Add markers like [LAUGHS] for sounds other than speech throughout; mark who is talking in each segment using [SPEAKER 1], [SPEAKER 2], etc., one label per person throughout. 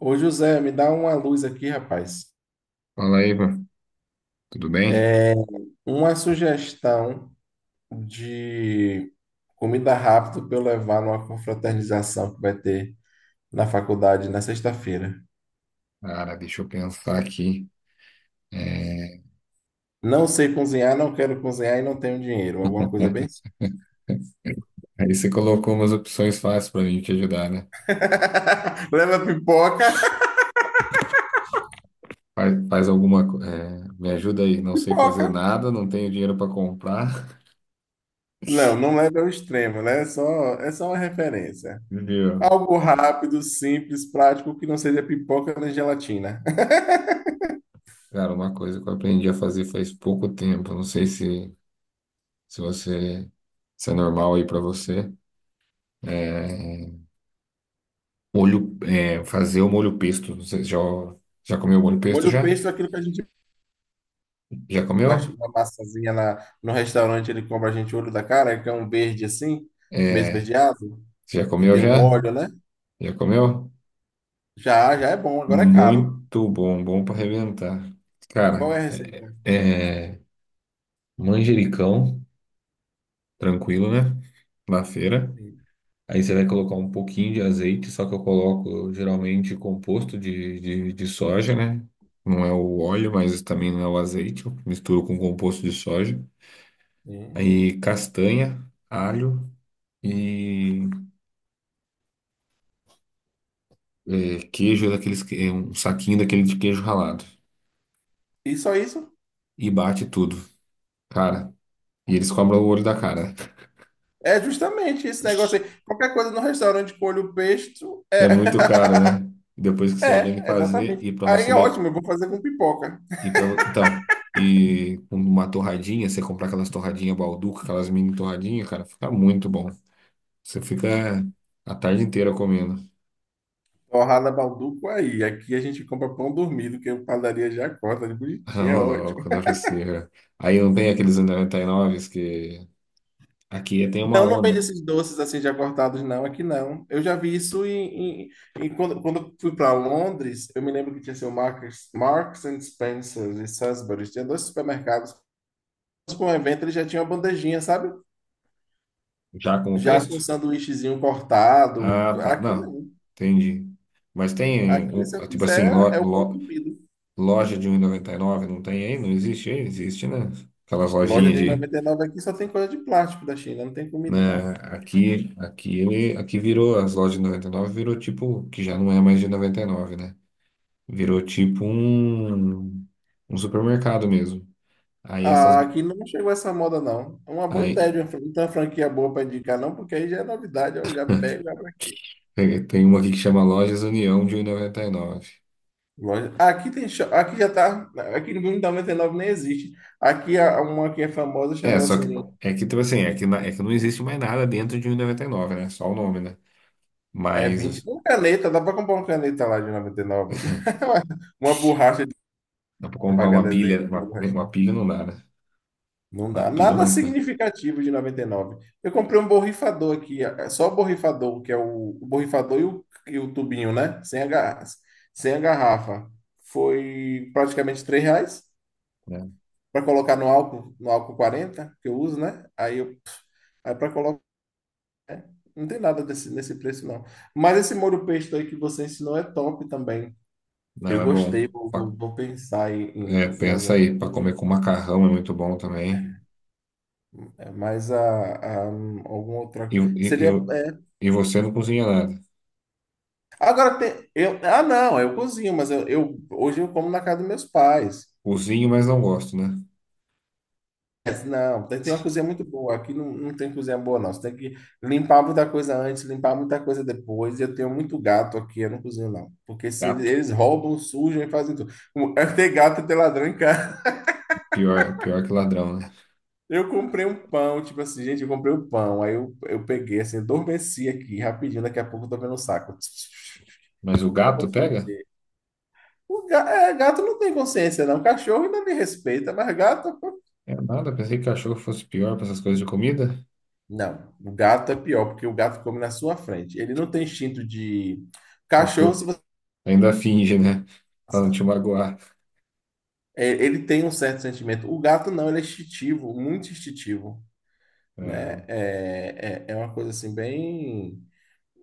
[SPEAKER 1] Ô José, me dá uma luz aqui, rapaz.
[SPEAKER 2] Fala aí, Ivan. Tudo bem?
[SPEAKER 1] É uma sugestão de comida rápida para eu levar numa confraternização que vai ter na faculdade na sexta-feira.
[SPEAKER 2] Cara, deixa eu pensar aqui. É,
[SPEAKER 1] Não sei cozinhar, não quero cozinhar e não tenho dinheiro. Alguma coisa bem assim.
[SPEAKER 2] [LAUGHS] Aí você colocou umas opções fáceis para mim te ajudar, né?
[SPEAKER 1] [LAUGHS] Leva pipoca. [LAUGHS]
[SPEAKER 2] Faz alguma. Me ajuda aí. Não sei
[SPEAKER 1] Pipoca.
[SPEAKER 2] fazer nada, não tenho dinheiro para comprar.
[SPEAKER 1] Não, não leva ao extremo, né? É só uma referência.
[SPEAKER 2] [LAUGHS] Viu?
[SPEAKER 1] Algo rápido, simples, prático, que não seja pipoca nem gelatina. [LAUGHS]
[SPEAKER 2] Cara, uma coisa que eu aprendi a fazer faz pouco tempo. Não sei se você se é normal aí para você. É, Molho, fazer o molho pesto. Já comeu molho pesto
[SPEAKER 1] Molho
[SPEAKER 2] já?
[SPEAKER 1] pesto é aquilo que a gente
[SPEAKER 2] Já comeu?
[SPEAKER 1] uma massazinha no restaurante, ele compra a gente olho da cara, que é um verde assim, meio
[SPEAKER 2] É,
[SPEAKER 1] esverdeado,
[SPEAKER 2] você já
[SPEAKER 1] que
[SPEAKER 2] comeu
[SPEAKER 1] tem um
[SPEAKER 2] já?
[SPEAKER 1] óleo, né?
[SPEAKER 2] Já comeu?
[SPEAKER 1] Já, já é bom, agora é caro.
[SPEAKER 2] Muito bom, bom para arrebentar.
[SPEAKER 1] Qual
[SPEAKER 2] Cara,
[SPEAKER 1] é a
[SPEAKER 2] é
[SPEAKER 1] receita?
[SPEAKER 2] é manjericão, tranquilo, né? Na feira.
[SPEAKER 1] Sim.
[SPEAKER 2] Aí você vai colocar um pouquinho de azeite, só que eu coloco geralmente composto de, de soja, né? Não é o óleo, mas também não é o azeite. Eu misturo com composto de soja.
[SPEAKER 1] Sim.
[SPEAKER 2] Aí castanha, alho e queijo daqueles, um saquinho daquele de queijo ralado.
[SPEAKER 1] E só isso?
[SPEAKER 2] E bate tudo, cara. E eles cobram o olho da cara.
[SPEAKER 1] É justamente esse negócio aí. Qualquer coisa no restaurante com olho pesto é.
[SPEAKER 2] É muito caro, né?
[SPEAKER 1] [LAUGHS]
[SPEAKER 2] Depois que você aprende a
[SPEAKER 1] É,
[SPEAKER 2] fazer
[SPEAKER 1] exatamente.
[SPEAKER 2] e para
[SPEAKER 1] Aí
[SPEAKER 2] você
[SPEAKER 1] é ótimo, eu vou fazer com pipoca.
[SPEAKER 2] e para então e com uma torradinha, você comprar aquelas torradinhas Balduca, aquelas mini torradinhas, cara, fica muito bom. Você fica a tarde inteira comendo.
[SPEAKER 1] Torrada Balduco aí. Aqui a gente compra pão dormido, que a padaria já corta, de
[SPEAKER 2] [LAUGHS]
[SPEAKER 1] bonitinho, é
[SPEAKER 2] Ô,
[SPEAKER 1] ótimo.
[SPEAKER 2] louco, não é possível. Aí não tem aqueles 99 que aqui tem uma
[SPEAKER 1] Não, não
[SPEAKER 2] onda
[SPEAKER 1] vende esses doces assim já cortados, não, aqui não. Eu já vi isso quando eu fui para Londres, eu me lembro que tinha assim, o Marks and Spencer e Sainsbury's, tinha dois supermercados. Mas para um evento ele já tinha uma bandejinha, sabe?
[SPEAKER 2] já com o
[SPEAKER 1] Já com um
[SPEAKER 2] pesto?
[SPEAKER 1] sanduíchezinho cortado.
[SPEAKER 2] Ah, tá.
[SPEAKER 1] Aqui
[SPEAKER 2] Não,
[SPEAKER 1] não.
[SPEAKER 2] entendi. Mas tem
[SPEAKER 1] Aqui, se eu
[SPEAKER 2] tipo assim,
[SPEAKER 1] quiser, é o pão
[SPEAKER 2] lo-
[SPEAKER 1] comido.
[SPEAKER 2] loja de 1,99 não tem aí? Não existe aí? Existe, né? Aquelas
[SPEAKER 1] Loja
[SPEAKER 2] lojinhas
[SPEAKER 1] de
[SPEAKER 2] de
[SPEAKER 1] 99 aqui só tem coisa de plástico da China, não tem comida,
[SPEAKER 2] né?
[SPEAKER 1] não.
[SPEAKER 2] Aqui, aqui virou as lojas de 99 virou tipo, que já não é mais de 99, né? Virou tipo um, um supermercado mesmo. Aí essas,
[SPEAKER 1] Ah, aqui não chegou essa moda, não. É uma boa ideia,
[SPEAKER 2] aí
[SPEAKER 1] de uma não uma franquia boa para indicar, não, porque aí já é novidade, eu já pego, já pra
[SPEAKER 2] tem uma aqui que chama Lojas União de 1,99.
[SPEAKER 1] Aqui tem, aqui já tá, aqui no Blumenau 99 nem existe. Aqui há uma que é famosa
[SPEAKER 2] É,
[SPEAKER 1] chamada
[SPEAKER 2] só que
[SPEAKER 1] assim,
[SPEAKER 2] é que tipo assim, é que, é que não existe mais nada dentro de 1,99, né? Só o nome, né?
[SPEAKER 1] é 20
[SPEAKER 2] Mas
[SPEAKER 1] uma caneta, dá para comprar uma caneta lá de 99. [LAUGHS] Uma borracha de
[SPEAKER 2] dá pra comprar
[SPEAKER 1] apagar desenho. Uma borracha
[SPEAKER 2] uma pilha não dá, né?
[SPEAKER 1] não dá.
[SPEAKER 2] Uma pilha é
[SPEAKER 1] Nada
[SPEAKER 2] mais cara,
[SPEAKER 1] significativo de 99. Eu comprei um borrifador aqui, é só o borrifador, que é o borrifador e o tubinho, né? Sem a garrafa. Foi praticamente R$ 3
[SPEAKER 2] né?
[SPEAKER 1] para colocar no álcool 40 que eu uso, né? Aí eu Aí para Não tem nada desse, nesse preço, não. Mas esse molho pesto aí que você ensinou é top também.
[SPEAKER 2] Não,
[SPEAKER 1] Eu
[SPEAKER 2] é bom.
[SPEAKER 1] gostei, vou, vou- vou pensar em,
[SPEAKER 2] É,
[SPEAKER 1] em, em
[SPEAKER 2] pensa
[SPEAKER 1] alguma,
[SPEAKER 2] aí, pra comer com macarrão é muito bom também.
[SPEAKER 1] mais a alguma
[SPEAKER 2] E,
[SPEAKER 1] outra.
[SPEAKER 2] e, e,
[SPEAKER 1] Seria.
[SPEAKER 2] vo- e você não cozinha nada.
[SPEAKER 1] Agora tem. Não, eu cozinho, mas hoje eu como na casa dos meus pais.
[SPEAKER 2] Cozinho, mas não gosto, né?
[SPEAKER 1] Mas não, tem uma cozinha muito boa. Aqui não, não tem cozinha boa, não. Você tem que limpar muita coisa antes, limpar muita coisa depois. E eu tenho muito gato aqui, eu não cozinho, não. Porque se eles,
[SPEAKER 2] Gato,
[SPEAKER 1] eles roubam, sujam e fazem tudo. Tem gato e tem ladrão em casa.
[SPEAKER 2] pior, pior que ladrão, né?
[SPEAKER 1] Eu comprei um pão, tipo assim, gente, eu comprei um pão. Aí eu peguei, assim, adormeci aqui rapidinho, daqui a pouco eu tô vendo um saco. [TSK]
[SPEAKER 2] Mas o
[SPEAKER 1] Quando eu
[SPEAKER 2] gato
[SPEAKER 1] fui.
[SPEAKER 2] pega?
[SPEAKER 1] Gato não tem consciência, não. Cachorro ainda me respeita, mas gato, pô.
[SPEAKER 2] É nada, pensei que cachorro fosse pior para essas coisas de comida.
[SPEAKER 1] Não, o gato é pior, porque o gato come na sua frente. Ele não tem instinto de. Cachorro, se
[SPEAKER 2] Cachorro
[SPEAKER 1] você
[SPEAKER 2] ainda finge, né? Pra não
[SPEAKER 1] passar.
[SPEAKER 2] te magoar.
[SPEAKER 1] É, ele tem um certo sentimento. O gato não, ele é instintivo, muito instintivo, né?
[SPEAKER 2] É,
[SPEAKER 1] É uma coisa assim, bem.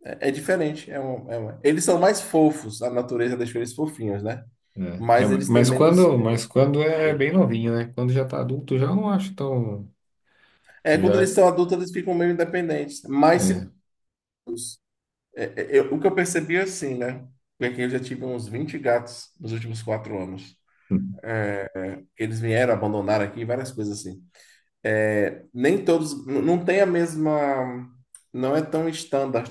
[SPEAKER 1] É diferente. Eles são mais fofos, a natureza deixou eles fofinhos, né?
[SPEAKER 2] né? É,
[SPEAKER 1] Mas eles têm menos, menos
[SPEAKER 2] mas quando é
[SPEAKER 1] poder.
[SPEAKER 2] bem novinho, né? Quando já tá adulto, já não acho tão.
[SPEAKER 1] É, quando eles
[SPEAKER 2] Já,
[SPEAKER 1] são adultos, eles ficam meio independentes, mais
[SPEAKER 2] é,
[SPEAKER 1] seguros. O que eu percebi é assim, né? Porque eu já tive uns 20 gatos nos últimos 4 anos.
[SPEAKER 2] hum,
[SPEAKER 1] Eles vieram, abandonaram aqui, várias coisas assim. É, nem todos, não tem a mesma, não é tão estándar.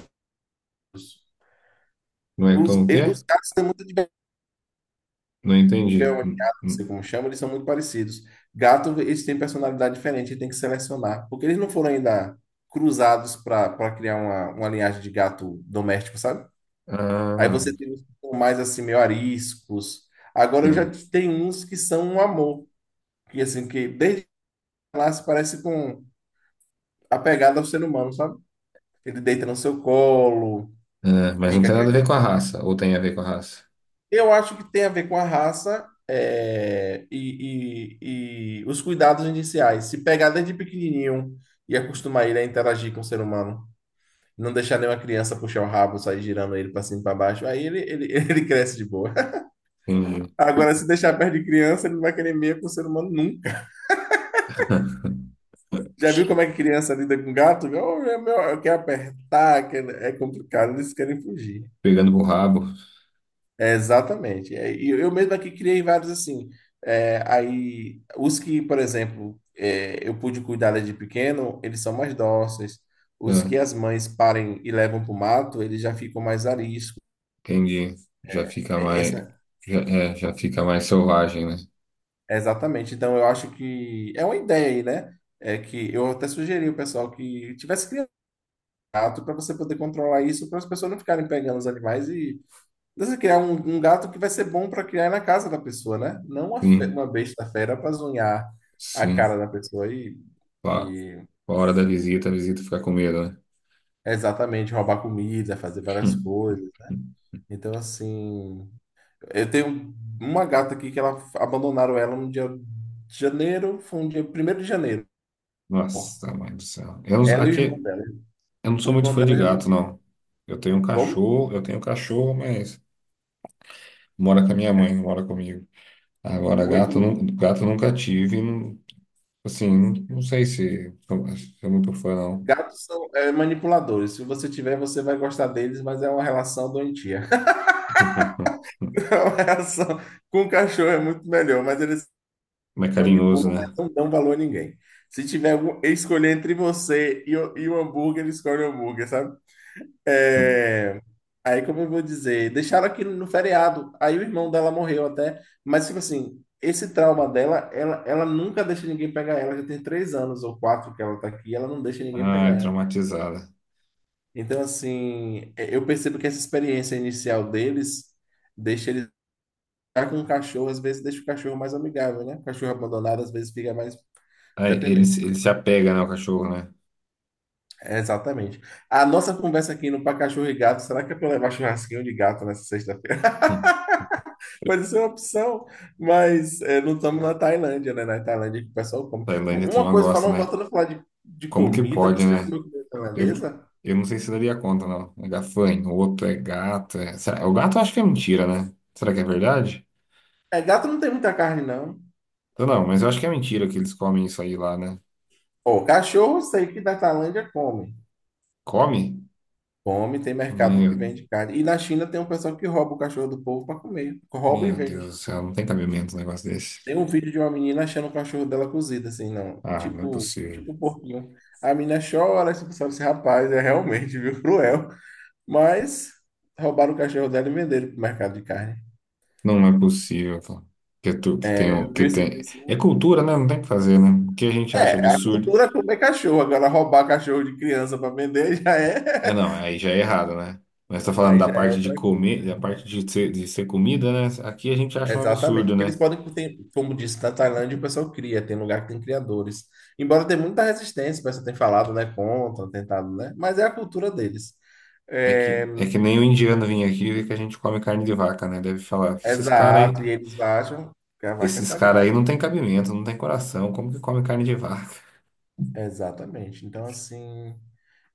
[SPEAKER 2] não é
[SPEAKER 1] Os,
[SPEAKER 2] tão o
[SPEAKER 1] e-
[SPEAKER 2] quê?
[SPEAKER 1] os gatos têm muita
[SPEAKER 2] Não
[SPEAKER 1] tiver um
[SPEAKER 2] entendi.
[SPEAKER 1] gato, não sei como chama, eles são muito parecidos. Gato, eles têm personalidade diferente, tem que selecionar, porque eles não foram ainda cruzados para criar uma linhagem de gato doméstico, sabe? Aí
[SPEAKER 2] Ah,
[SPEAKER 1] você tem uns que são mais assim, meio ariscos. Agora eu já
[SPEAKER 2] entendi.
[SPEAKER 1] tenho uns que são um amor, que assim, que desde lá se parece com apegado ao ser humano, sabe? Ele deita no seu colo,
[SPEAKER 2] Ah, mas não
[SPEAKER 1] fica
[SPEAKER 2] tem nada a ver com a
[SPEAKER 1] quietinho.
[SPEAKER 2] raça, ou tem a ver com a raça?
[SPEAKER 1] Eu acho que tem a ver com a raça e os cuidados iniciais. Se pegar desde pequenininho e acostumar ele a interagir com o ser humano, não deixar nenhuma criança puxar o rabo, sair girando ele para cima e para baixo, aí ele, [LAUGHS] ele cresce de boa.
[SPEAKER 2] Entendi.
[SPEAKER 1] Agora, se deixar perto de criança, ele não vai querer meia com o ser humano nunca. Já viu como é que criança lida com gato? Oh, é meu, eu quero apertar, é complicado, eles querem fugir.
[SPEAKER 2] Pegando pro rabo.
[SPEAKER 1] É, exatamente. É, e eu mesmo aqui criei vários assim. É, aí, os que, por exemplo, eu pude cuidar desde pequeno, eles são mais dóceis. Os
[SPEAKER 2] Ah,
[SPEAKER 1] que as mães parem e levam para o mato, eles já ficam mais ariscos.
[SPEAKER 2] entendi. Já fica
[SPEAKER 1] É,
[SPEAKER 2] mais,
[SPEAKER 1] Essa,
[SPEAKER 2] já, é, já fica mais selvagem, né?
[SPEAKER 1] é exatamente. Então, eu acho que é uma ideia aí, né? É que eu até sugeri ao pessoal que tivesse criado gato para você poder controlar isso, para as pessoas não ficarem pegando os animais. Você criar um gato que vai ser bom para criar na casa da pessoa, né? Não uma, fe-
[SPEAKER 2] Sim,
[SPEAKER 1] uma besta fera para zunhar a
[SPEAKER 2] sim.
[SPEAKER 1] cara da pessoa e,
[SPEAKER 2] Pa-
[SPEAKER 1] e
[SPEAKER 2] Pa hora da visita, a visita fica com medo, né?
[SPEAKER 1] exatamente roubar comida, fazer
[SPEAKER 2] [LAUGHS]
[SPEAKER 1] várias
[SPEAKER 2] Hum.
[SPEAKER 1] coisas. Então, assim, eu tenho uma gata aqui que ela abandonaram ela no dia de janeiro, foi um dia primeiro de janeiro.
[SPEAKER 2] Nossa, mãe do céu.
[SPEAKER 1] Ela e o
[SPEAKER 2] Aqui,
[SPEAKER 1] irmão dela.
[SPEAKER 2] eu não sou
[SPEAKER 1] O
[SPEAKER 2] muito
[SPEAKER 1] irmão
[SPEAKER 2] fã de
[SPEAKER 1] dela já
[SPEAKER 2] gato,
[SPEAKER 1] morreu.
[SPEAKER 2] não.
[SPEAKER 1] Como?
[SPEAKER 2] Eu tenho um cachorro, mas mora com a minha mãe, não mora comigo. Agora,
[SPEAKER 1] O,
[SPEAKER 2] gato,
[SPEAKER 1] o-
[SPEAKER 2] não, gato nunca tive. Assim, não, não sei se sou muito fã, não.
[SPEAKER 1] Gatos são manipuladores. Se você tiver, você vai gostar deles, mas é uma relação doentia. [LAUGHS]
[SPEAKER 2] [LAUGHS]
[SPEAKER 1] A relação com o cachorro é muito melhor, mas eles
[SPEAKER 2] Mas é carinhoso,
[SPEAKER 1] manipulam, mas
[SPEAKER 2] né?
[SPEAKER 1] não dão valor a ninguém. Se tiver algum, escolher entre você e o hambúrguer, ele escolhe o hambúrguer, sabe?
[SPEAKER 2] [LAUGHS]
[SPEAKER 1] É, aí, como eu vou dizer, deixaram aqui no feriado. Aí o irmão dela morreu até. Mas, tipo assim, esse trauma dela, ela nunca deixa ninguém pegar ela. Já tem 3 anos ou quatro que ela tá aqui, ela não deixa ninguém pegar
[SPEAKER 2] Ai,
[SPEAKER 1] ela.
[SPEAKER 2] traumatizada.
[SPEAKER 1] Então, assim, é, eu percebo que essa experiência inicial deles deixa eles. Tá com o cachorro, às vezes deixa o cachorro mais amigável, né? O cachorro abandonado, às vezes, fica mais
[SPEAKER 2] Ah,
[SPEAKER 1] dependente.
[SPEAKER 2] ele se apega, né, ao cachorro, né?
[SPEAKER 1] É, exatamente. A nossa conversa aqui no Pra Cachorro e Gato, será que é pra levar churrasquinho de gato nessa sexta-feira?
[SPEAKER 2] Hum.
[SPEAKER 1] [LAUGHS] Pode ser uma opção, mas não estamos na Tailândia, né? Na Tailândia que o pessoal come.
[SPEAKER 2] Tailândia, a
[SPEAKER 1] Uma
[SPEAKER 2] turma
[SPEAKER 1] coisa,
[SPEAKER 2] gosta,
[SPEAKER 1] falando,
[SPEAKER 2] né?
[SPEAKER 1] voltando a falar de
[SPEAKER 2] Como que
[SPEAKER 1] comida,
[SPEAKER 2] pode,
[SPEAKER 1] você já
[SPEAKER 2] né?
[SPEAKER 1] comeu comida
[SPEAKER 2] Eu,
[SPEAKER 1] tailandesa?
[SPEAKER 2] eu não sei se daria conta, não. É gafanhoto, é gato. O gato eu acho que é mentira, né? Será que é verdade?
[SPEAKER 1] É, gato não tem muita carne, não.
[SPEAKER 2] Eu não, mas eu acho que é mentira que eles comem isso aí lá, né?
[SPEAKER 1] Ó, cachorro, eu sei que na Tailândia come.
[SPEAKER 2] Come?
[SPEAKER 1] Come, tem mercado que
[SPEAKER 2] Meu,
[SPEAKER 1] vende carne. E na China tem um pessoal que rouba o cachorro do povo para comer. Rouba e
[SPEAKER 2] meu Deus do
[SPEAKER 1] vende.
[SPEAKER 2] céu, não tem cabimento um negócio desse.
[SPEAKER 1] Tem um vídeo de uma menina achando o cachorro dela cozido, assim, não.
[SPEAKER 2] Ah, não é
[SPEAKER 1] Tipo,
[SPEAKER 2] possível.
[SPEAKER 1] tipo um porquinho. A menina chora, tipo, sabe, esse rapaz é realmente, [LAUGHS] viu, cruel. Mas roubaram o cachorro dela e venderam pro mercado de carne.
[SPEAKER 2] Não é possível, pô. Que, tu, que
[SPEAKER 1] É,
[SPEAKER 2] tem, o-
[SPEAKER 1] eu vi
[SPEAKER 2] Que
[SPEAKER 1] esse vídeo
[SPEAKER 2] tem. É
[SPEAKER 1] assim.
[SPEAKER 2] cultura, né? Não tem o que fazer, né? O que a gente acha
[SPEAKER 1] É, a
[SPEAKER 2] absurdo.
[SPEAKER 1] cultura é comer cachorro. Agora roubar cachorro de criança para vender já é.
[SPEAKER 2] É, não, aí já é errado, né? Mas tá
[SPEAKER 1] [LAUGHS]
[SPEAKER 2] falando
[SPEAKER 1] Aí
[SPEAKER 2] da
[SPEAKER 1] já é
[SPEAKER 2] parte de
[SPEAKER 1] outra coisa,
[SPEAKER 2] comer, da
[SPEAKER 1] né?
[SPEAKER 2] parte de ser comida, né? Aqui a gente acha um
[SPEAKER 1] Exatamente,
[SPEAKER 2] absurdo,
[SPEAKER 1] porque eles
[SPEAKER 2] né?
[SPEAKER 1] podem, como disse, na Tailândia o pessoal cria, tem lugar que tem criadores. Embora tenha muita resistência, o pessoal tem falado, né, contra, tentado, né, mas é a cultura deles. É,
[SPEAKER 2] É que nem o indiano vir aqui e ver que a gente come carne de vaca, né? Deve falar que esses caras
[SPEAKER 1] exato, e
[SPEAKER 2] aí,
[SPEAKER 1] eles acham que a vaca é
[SPEAKER 2] esses cara
[SPEAKER 1] sagrada.
[SPEAKER 2] aí não tem cabimento, não tem coração, como que come carne de vaca?
[SPEAKER 1] Exatamente. Então, assim,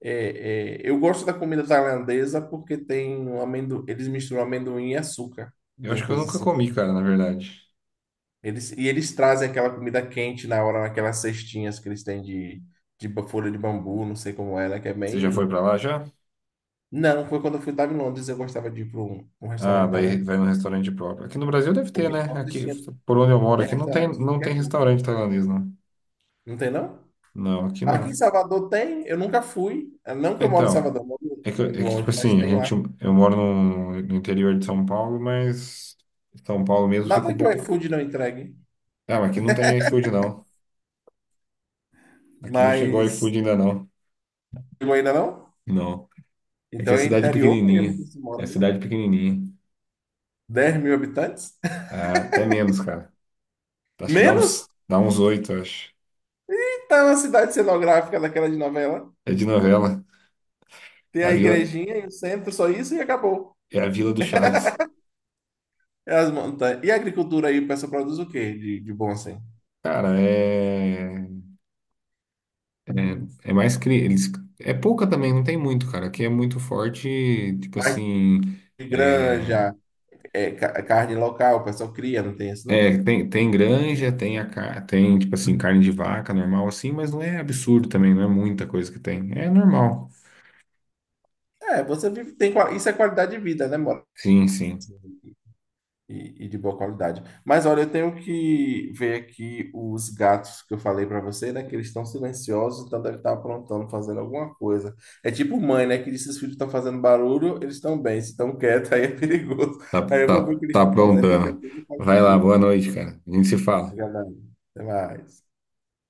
[SPEAKER 1] eu gosto da comida tailandesa porque tem um amendoim, eles misturam amendoim e açúcar.
[SPEAKER 2] Eu
[SPEAKER 1] Tem
[SPEAKER 2] acho que eu nunca
[SPEAKER 1] coisas
[SPEAKER 2] comi,
[SPEAKER 1] assim.
[SPEAKER 2] cara, na verdade.
[SPEAKER 1] Eles trazem aquela comida quente na hora, naquelas cestinhas que eles têm de, folha de bambu, não sei como é, né? Que é
[SPEAKER 2] Você já foi
[SPEAKER 1] bem.
[SPEAKER 2] pra lá já?
[SPEAKER 1] Não, foi quando eu fui, estava em Londres, eu gostava de ir para um
[SPEAKER 2] Ah,
[SPEAKER 1] restaurante
[SPEAKER 2] vai,
[SPEAKER 1] tailandês.
[SPEAKER 2] vai no restaurante próprio. Aqui no Brasil deve ter,
[SPEAKER 1] Porque
[SPEAKER 2] né?
[SPEAKER 1] em Londres
[SPEAKER 2] Aqui,
[SPEAKER 1] tinha,
[SPEAKER 2] por onde eu moro,
[SPEAKER 1] tem
[SPEAKER 2] aqui não tem,
[SPEAKER 1] restaurante de tudo
[SPEAKER 2] não
[SPEAKER 1] que é
[SPEAKER 2] tem
[SPEAKER 1] canto.
[SPEAKER 2] restaurante tailandês, não.
[SPEAKER 1] Não tem, não?
[SPEAKER 2] Não, aqui não.
[SPEAKER 1] Aqui em Salvador tem, eu nunca fui. Não que eu moro em
[SPEAKER 2] Então,
[SPEAKER 1] Salvador, eu moro
[SPEAKER 2] é que tipo
[SPEAKER 1] longe, mas
[SPEAKER 2] assim, a
[SPEAKER 1] tem
[SPEAKER 2] gente,
[SPEAKER 1] lá.
[SPEAKER 2] eu moro no, no interior de São Paulo, mas São Paulo mesmo fica
[SPEAKER 1] Nada
[SPEAKER 2] um
[SPEAKER 1] que o
[SPEAKER 2] pouco.
[SPEAKER 1] iFood não entregue.
[SPEAKER 2] Ah, mas aqui não tem iFood, não. Aqui não chegou
[SPEAKER 1] Mas.
[SPEAKER 2] iFood ainda, não.
[SPEAKER 1] Eu ainda não?
[SPEAKER 2] Não. É que é
[SPEAKER 1] Então é
[SPEAKER 2] cidade
[SPEAKER 1] interior
[SPEAKER 2] pequenininha.
[SPEAKER 1] mesmo que se
[SPEAKER 2] É
[SPEAKER 1] mora, né?
[SPEAKER 2] cidade pequenininha.
[SPEAKER 1] 10 mil habitantes?
[SPEAKER 2] Ah, até menos, cara.
[SPEAKER 1] [LAUGHS]
[SPEAKER 2] Acho que
[SPEAKER 1] Menos?
[SPEAKER 2] dá uns oito, acho.
[SPEAKER 1] É uma cidade cenográfica daquela de novela.
[SPEAKER 2] É de novela.
[SPEAKER 1] Tem
[SPEAKER 2] É a
[SPEAKER 1] a
[SPEAKER 2] vila,
[SPEAKER 1] igrejinha e o centro, só isso e acabou.
[SPEAKER 2] é a Vila do Chaves.
[SPEAKER 1] É as montanhas. E a agricultura aí, o pessoal produz o quê de bom assim?
[SPEAKER 2] Cara, é mais eles é pouca também, não tem muito, cara. Aqui é muito forte, tipo
[SPEAKER 1] Mais
[SPEAKER 2] assim,
[SPEAKER 1] de
[SPEAKER 2] é,
[SPEAKER 1] granja, carne local, o pessoal cria, não tem isso não?
[SPEAKER 2] É, tem, tem granja, tem, tem, tipo assim, carne de vaca normal assim, mas não é absurdo também, não é muita coisa que tem. É normal.
[SPEAKER 1] É, você vive, isso é qualidade de vida, né, mora?
[SPEAKER 2] Sim, sim.
[SPEAKER 1] E de boa qualidade. Mas olha, eu tenho que ver aqui os gatos que eu falei para você, né? Que eles estão silenciosos, então deve estar aprontando, fazendo alguma coisa. É tipo mãe, né? Que diz que os filhos estão fazendo barulho, eles estão bem. Se estão quietos, [LAUGHS] aí é perigoso.
[SPEAKER 2] Tá,
[SPEAKER 1] Aí eu vou ver
[SPEAKER 2] tá,
[SPEAKER 1] o que eles
[SPEAKER 2] tá
[SPEAKER 1] estão fazendo, daqui a
[SPEAKER 2] aprontando.
[SPEAKER 1] pouco eu falo
[SPEAKER 2] Vai lá, boa
[SPEAKER 1] contigo.
[SPEAKER 2] noite, cara. A gente se fala.
[SPEAKER 1] Obrigado. Até mais.